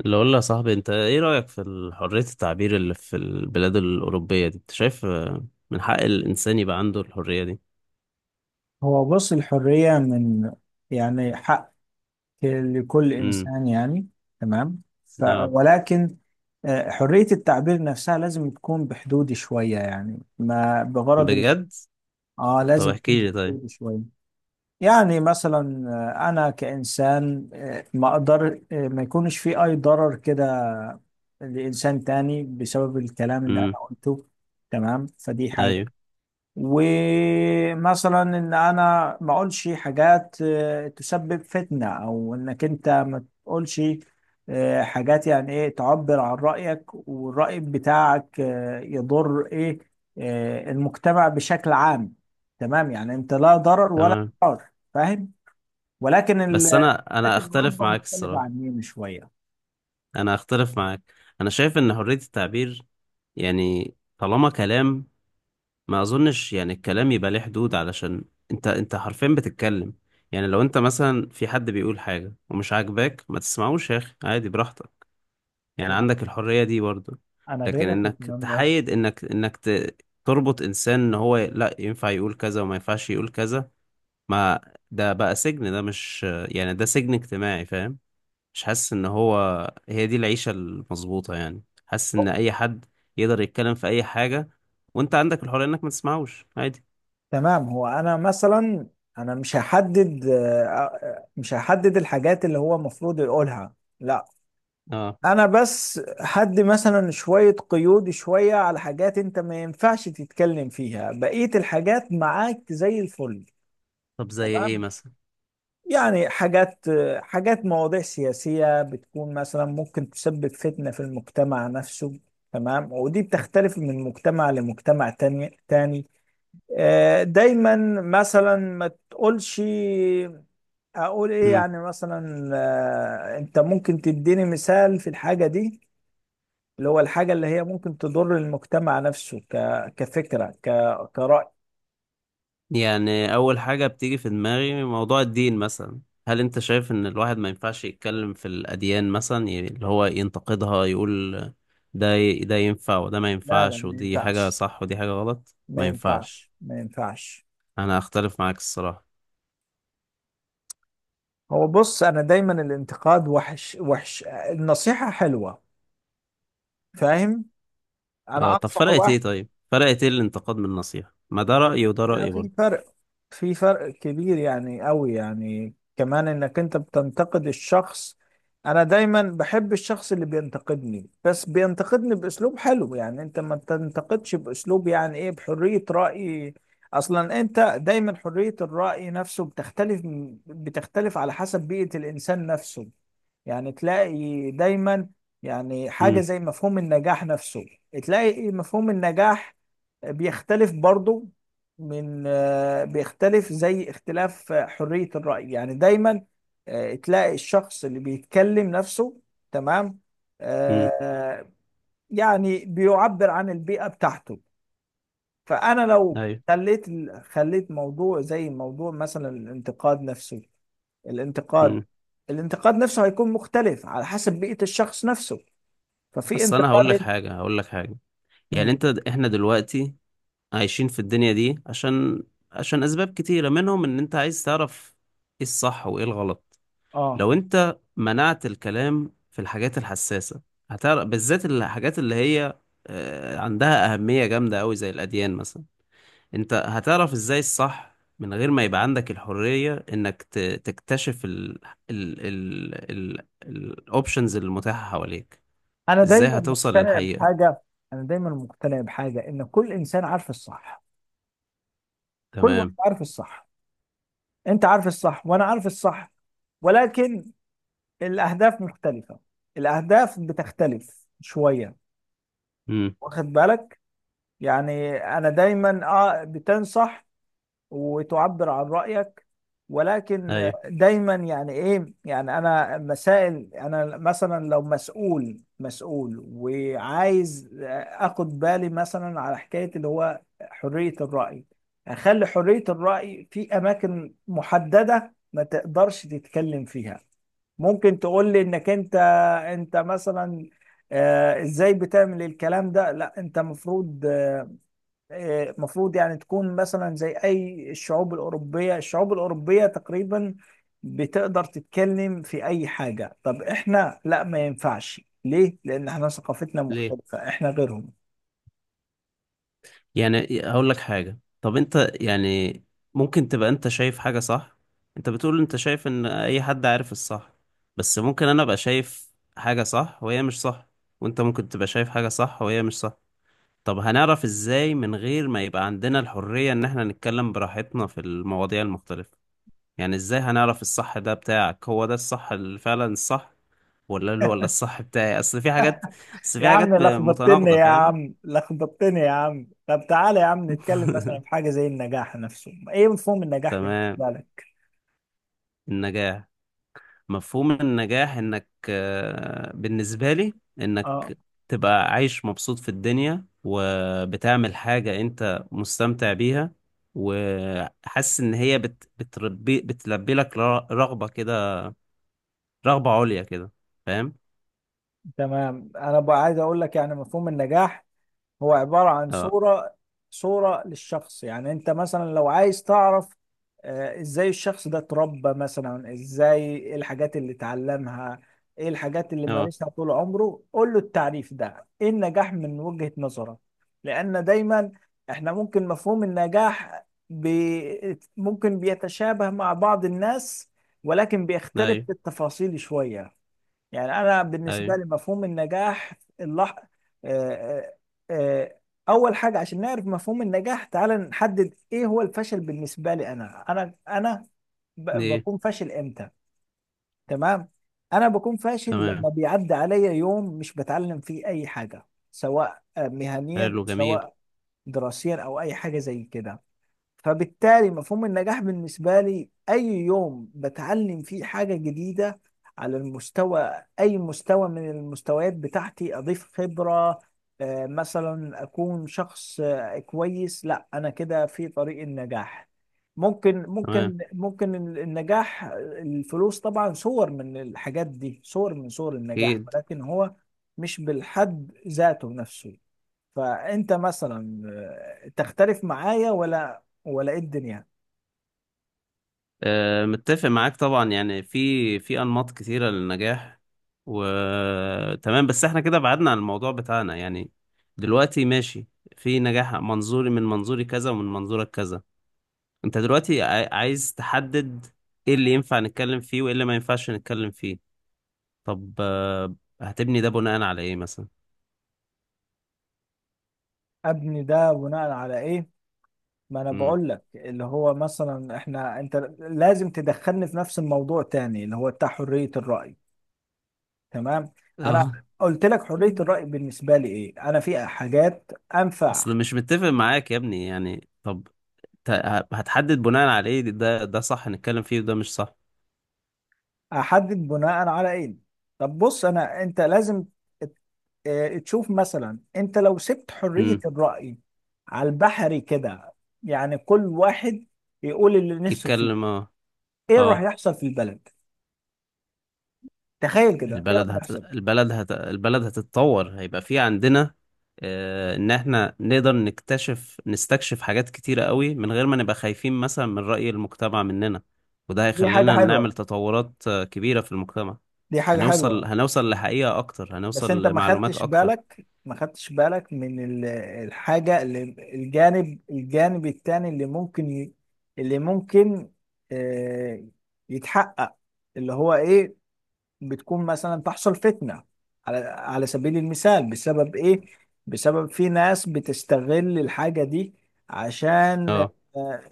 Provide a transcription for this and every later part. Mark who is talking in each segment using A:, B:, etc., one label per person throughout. A: اللي اقول يا صاحبي، انت ايه رأيك في حرية التعبير اللي في البلاد الأوروبية دي؟ انت شايف من حق الإنسان يبقى عنده الحرية دي؟
B: هو بص، الحرية من يعني حق لكل
A: امم.
B: إنسان، يعني تمام.
A: اه.
B: ولكن حرية التعبير نفسها لازم تكون بحدود شوية، يعني ما بغرض إن
A: بجد؟ طب
B: لازم تكون
A: احكي لي طيب.
B: بحدود شوية. يعني مثلا أنا كإنسان، ما أقدر، ما يكونش في أي ضرر كده لإنسان تاني بسبب الكلام اللي
A: امم.
B: أنا قلته. تمام، فدي حاجة.
A: ايوه.
B: ومثلا ان انا ما اقولش حاجات تسبب فتنة، او انك انت ما تقولش حاجات، يعني ايه، تعبر عن رأيك والرأي بتاعك يضر ايه، المجتمع بشكل عام. تمام، يعني انت لا ضرر ولا
A: تمام.
B: ضرار، فاهم؟ ولكن
A: بس
B: ال...
A: انا
B: لكن
A: اختلف
B: اوروبا
A: معاك
B: مختلفة
A: الصراحة.
B: عننا شوية.
A: انا اختلف معاك. انا شايف ان حرية التعبير، يعني طالما كلام، ما اظنش يعني الكلام يبقى ليه حدود، علشان انت حرفيا بتتكلم. يعني لو انت مثلا في حد بيقول حاجة ومش عاجباك ما تسمعوش يا اخي، عادي براحتك. يعني
B: لا،
A: عندك الحرية دي برضو.
B: انا
A: لكن
B: غيرك في
A: انك
B: الكلام ده.
A: تحيد، انك تربط انسان ان هو لا ينفع يقول كذا وما ينفعش يقول كذا. ما ده بقى سجن، ده مش يعني ده سجن اجتماعي، فاهم؟ مش حاسس ان هو هي دي العيشة المظبوطة، يعني حاسس ان اي حد يقدر يتكلم في اي حاجة، وانت عندك الحرية انك ما تسمعوش، عادي.
B: تمام، هو انا مثلا انا مش هحدد آه، آه، مش هحدد الحاجات اللي هو المفروض يقولها. لا،
A: اه.
B: انا بس حد مثلا شوية قيود شوية على حاجات انت ما ينفعش تتكلم فيها، بقية الحاجات معاك زي الفل.
A: طب زي ايه
B: تمام،
A: مثلا؟
B: يعني حاجات مواضيع سياسية بتكون مثلا ممكن تسبب فتنة في المجتمع نفسه. تمام، ودي بتختلف من مجتمع لمجتمع تاني تاني. دايما مثلا ما تقولش، اقول ايه يعني مثلا. انت ممكن تديني مثال في الحاجة دي، اللي هو الحاجة اللي هي ممكن تضر المجتمع نفسه كفكرة، كرأي.
A: يعني أول حاجة بتيجي في دماغي موضوع الدين مثلا. هل أنت شايف إن الواحد ما ينفعش يتكلم في الأديان مثلا، اللي هو ينتقدها، يقول ده ينفع وده ما
B: لا لا،
A: ينفعش،
B: ما
A: ودي حاجة
B: ينفعش
A: صح ودي حاجة غلط
B: ما
A: ما ينفعش؟
B: ينفعش ما ينفعش.
A: أنا أختلف معاك الصراحة.
B: هو بص، انا دايما الانتقاد وحش وحش، النصيحة حلوة، فاهم؟ انا
A: أه. طب
B: انصح
A: فرقت إيه
B: واحد.
A: طيب فرقت إيه الانتقاد من النصيحة؟ ما ده رأيي وده
B: لا،
A: رأيي
B: في
A: برضه.
B: فرق في فرق كبير، يعني قوي، يعني كمان انك انت بتنتقد الشخص. انا دايما بحب الشخص اللي بينتقدني، بس بينتقدني باسلوب حلو، يعني انت ما تنتقدش باسلوب، يعني ايه، بحرية رأي. اصلا انت دايما حرية الرأي نفسه بتختلف على حسب بيئة الانسان نفسه. يعني تلاقي دايما يعني حاجة
A: امم.
B: زي مفهوم النجاح نفسه. تلاقي مفهوم النجاح بيختلف برضه من آه، بيختلف زي اختلاف حرية الرأي، يعني دايما تلاقي الشخص اللي بيتكلم نفسه. تمام.
A: امم.
B: آه، يعني بيعبر عن البيئة بتاعته. فأنا لو
A: أيوه.
B: خليت موضوع زي موضوع مثلا الانتقاد نفسه، الانتقاد
A: امم.
B: الانتقاد نفسه هيكون مختلف على حسب بيئة الشخص نفسه. ففي
A: أصل أنا هقول لك
B: انتقاد.
A: حاجة، هقول لك حاجة. يعني
B: مم.
A: إحنا دلوقتي عايشين في الدنيا دي عشان، عشان اسباب كتيرة منهم ان انت عايز تعرف ايه الصح وايه الغلط.
B: اه.
A: لو انت منعت الكلام في الحاجات الحساسة، هتعرف بالذات الحاجات اللي هي عندها أهمية جامدة أوي زي الأديان مثلا. أنت هتعرف إزاي الصح من غير ما يبقى عندك الحرية إنك تكتشف ال ال ال ال الأوبشنز المتاحة حواليك؟
B: انا
A: إزاي
B: دايما
A: هتوصل
B: مقتنع
A: للحقيقة؟
B: بحاجة انا دايما مقتنع بحاجة ان كل انسان عارف الصح، كل واحد
A: تمام.
B: عارف الصح، انت عارف الصح وانا عارف الصح، ولكن الاهداف مختلفة، الاهداف بتختلف شوية،
A: امم.
B: واخد بالك؟ يعني انا دايما بتنصح وتعبر عن رأيك، ولكن
A: أيوه.
B: دايما يعني ايه، يعني انا مسائل، انا مثلا لو مسؤول مسؤول وعايز اخد بالي مثلا على حكاية اللي هو حرية الرأي، اخلي حرية الرأي في اماكن محددة ما تقدرش تتكلم فيها. ممكن تقول لي انك انت مثلا ازاي بتعمل الكلام ده. لا، انت مفروض، المفروض يعني تكون مثلا زي اي الشعوب الاوروبيه تقريبا بتقدر تتكلم في اي حاجه. طب احنا لا، ما ينفعش ليه؟ لان احنا ثقافتنا
A: ليه؟
B: مختلفه، احنا غيرهم.
A: يعني هقول لك حاجة، طب انت يعني، ممكن تبقى انت شايف حاجة صح. انت بتقول انت شايف ان اي حد عارف الصح، بس ممكن انا ابقى شايف حاجة صح وهي مش صح، وانت ممكن تبقى شايف حاجة صح وهي مش صح. طب هنعرف ازاي من غير ما يبقى عندنا الحرية ان احنا نتكلم براحتنا في المواضيع المختلفة؟ يعني ازاي هنعرف الصح ده بتاعك هو ده الصح اللي فعلا الصح، ولا الصح بتاعي؟ اصل
B: يا
A: في
B: عم
A: حاجات
B: لخبطتني،
A: متناقضة،
B: يا
A: فاهم؟
B: عم لخبطتني يا عم. طب تعالى يا عم نتكلم مثلا في حاجه زي النجاح نفسه. ايه مفهوم النجاح
A: تمام.
B: بالنسبه لك؟
A: النجاح. مفهوم النجاح انك آه، بالنسبة لي،
B: اه،
A: انك تبقى عايش مبسوط في الدنيا وبتعمل حاجة انت مستمتع بيها، وحاسس ان هي بت بتربي بتلبي لك رغبة عليا كده، فاهم؟
B: تمام. انا بقى عايز اقول لك يعني مفهوم النجاح هو عبارة عن
A: اه.
B: صورة للشخص. يعني انت مثلا لو عايز تعرف ازاي الشخص ده اتربى مثلا، ازاي ايه الحاجات اللي اتعلمها، ايه الحاجات اللي
A: اه.
B: مارسها طول عمره، قول له التعريف ده، ايه النجاح من وجهة نظرك؟ لان دايما احنا ممكن مفهوم النجاح ممكن بيتشابه مع بعض الناس، ولكن بيختلف
A: ايوه.
B: في التفاصيل شوية. يعني انا بالنسبه
A: ايوه.
B: لي مفهوم النجاح اللح... آه، آه، آه، اول حاجه عشان نعرف مفهوم النجاح، تعال نحدد ايه هو الفشل بالنسبه لي. انا
A: ايه؟
B: بكون فاشل امتى؟ تمام. انا بكون فاشل
A: تمام.
B: لما بيعدي عليا يوم مش بتعلم فيه اي حاجه، سواء مهنيا
A: حلو جميل.
B: سواء دراسيا، او اي حاجه زي كده. فبالتالي مفهوم النجاح بالنسبة لي أي يوم بتعلم فيه حاجة جديدة على المستوى، أي مستوى من المستويات بتاعتي، أضيف خبرة، مثلا أكون شخص كويس. لا، أنا كده في طريق النجاح. ممكن
A: تمام.
B: ممكن ممكن النجاح، الفلوس طبعا صور من الحاجات دي، صور من صور النجاح،
A: اكيد.
B: ولكن هو مش بالحد ذاته نفسه. فانت مثلا تختلف معايا ولا ايه الدنيا؟
A: متفق معاك طبعا، يعني في انماط كتيره للنجاح. وتمام، بس احنا كده بعدنا عن الموضوع بتاعنا يعني. دلوقتي ماشي، في نجاح من منظوري كذا ومن منظورك كذا. انت دلوقتي عايز تحدد ايه اللي ينفع نتكلم فيه وايه اللي ما ينفعش نتكلم فيه. طب هتبني ده بناء على ايه مثلا؟
B: ابني ده بناء على ايه؟ ما انا
A: امم.
B: بقول لك اللي هو مثلا احنا، انت لازم تدخلني في نفس الموضوع تاني اللي هو بتاع حرية الرأي. تمام. انا
A: اه.
B: قلت لك حرية الرأي بالنسبة لي ايه، انا في حاجات انفع.
A: اصل مش متفق معاك يا ابني يعني. طب ت- هتحدد بناء على ايه ده صح نتكلم فيه وده مش صح؟
B: احدد بناء على ايه؟ طب بص، انا انت لازم تشوف مثلا. انت لو سبت حرية
A: امم.
B: الرأي على البحري كده، يعني كل واحد يقول اللي نفسه فيه،
A: يتكلم، اه.
B: ايه راح
A: اه.
B: يحصل في البلد؟ تخيل كده ايه راح يحصل.
A: البلد هتتطور، هيبقى في عندنا آه ان احنا نقدر نستكشف حاجات كتيرة قوي من غير ما نبقى خايفين مثلا من رأي المجتمع مننا، وده
B: دي حاجة
A: هيخلينا نعمل
B: حلوة،
A: تطورات كبيرة في المجتمع.
B: دي حاجة حلوة.
A: هنوصل لحقيقة اكتر،
B: بس
A: هنوصل
B: انت ما
A: لمعلومات
B: خدتش
A: اكتر.
B: بالك، ما خدتش بالك الحاجة اللي، الجانب التاني اللي ممكن اللي ممكن آه، يتحقق، اللي هو ايه. بتكون مثلا تحصل فتنة، على سبيل المثال، بسبب ايه؟ بسبب في ناس بتستغل الحاجة دي، عشان
A: اه.
B: آه،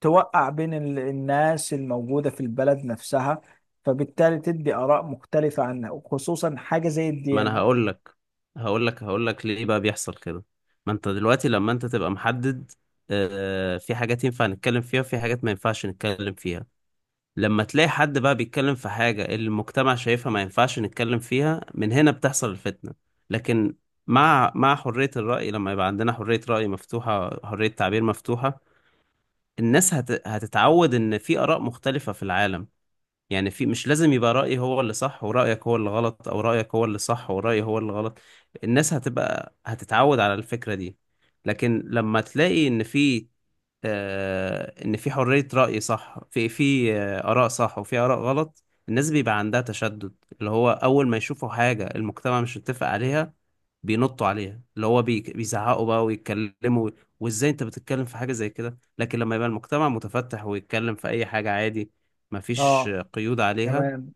B: توقع بين الناس الموجودة في البلد نفسها، فبالتالي تدي آراء مختلفة عنها، وخصوصا حاجة زي
A: ما انا
B: الديانة.
A: هقول لك، ليه بقى بيحصل كده. ما انت دلوقتي لما انت تبقى محدد في حاجات ينفع نتكلم فيها وفي حاجات ما ينفعش نتكلم فيها، لما تلاقي حد بقى بيتكلم في حاجة اللي المجتمع شايفها ما ينفعش نتكلم فيها، من هنا بتحصل الفتنة. لكن مع حرية الرأي، لما يبقى عندنا حرية رأي مفتوحة، حرية تعبير مفتوحة، الناس هتتعود إن في آراء مختلفة في العالم. يعني مش لازم يبقى رأيي هو اللي صح ورأيك هو اللي غلط، أو رأيك هو اللي صح ورأيي هو اللي غلط. الناس هتتعود على الفكرة دي. لكن لما تلاقي إن في آه، ان في حرية رأي صح، في آراء صح وفي آراء غلط، الناس بيبقى عندها تشدد، اللي هو اول ما يشوفوا حاجة المجتمع مش متفق عليها بينطوا عليها، اللي هو بيزعقوا بقى ويتكلموا وازاي انت بتتكلم في حاجة زي كده. لكن لما يبقى المجتمع متفتح ويتكلم في اي حاجة عادي، مفيش
B: اه،
A: قيود عليها.
B: تمام.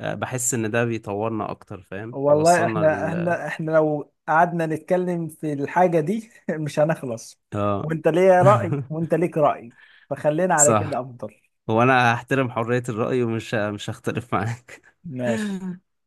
A: بحس ان ده بيطورنا اكتر، فاهم؟
B: والله
A: يوصلنا
B: احنا،
A: لل
B: احنا لو قعدنا نتكلم في الحاجة دي مش هنخلص.
A: اه.
B: وانت ليه رأي وانت ليك رأي. فخلينا على
A: صح.
B: كده افضل.
A: وانا هحترم حرية الرأي، ومش مش هختلف معاك.
B: ماشي.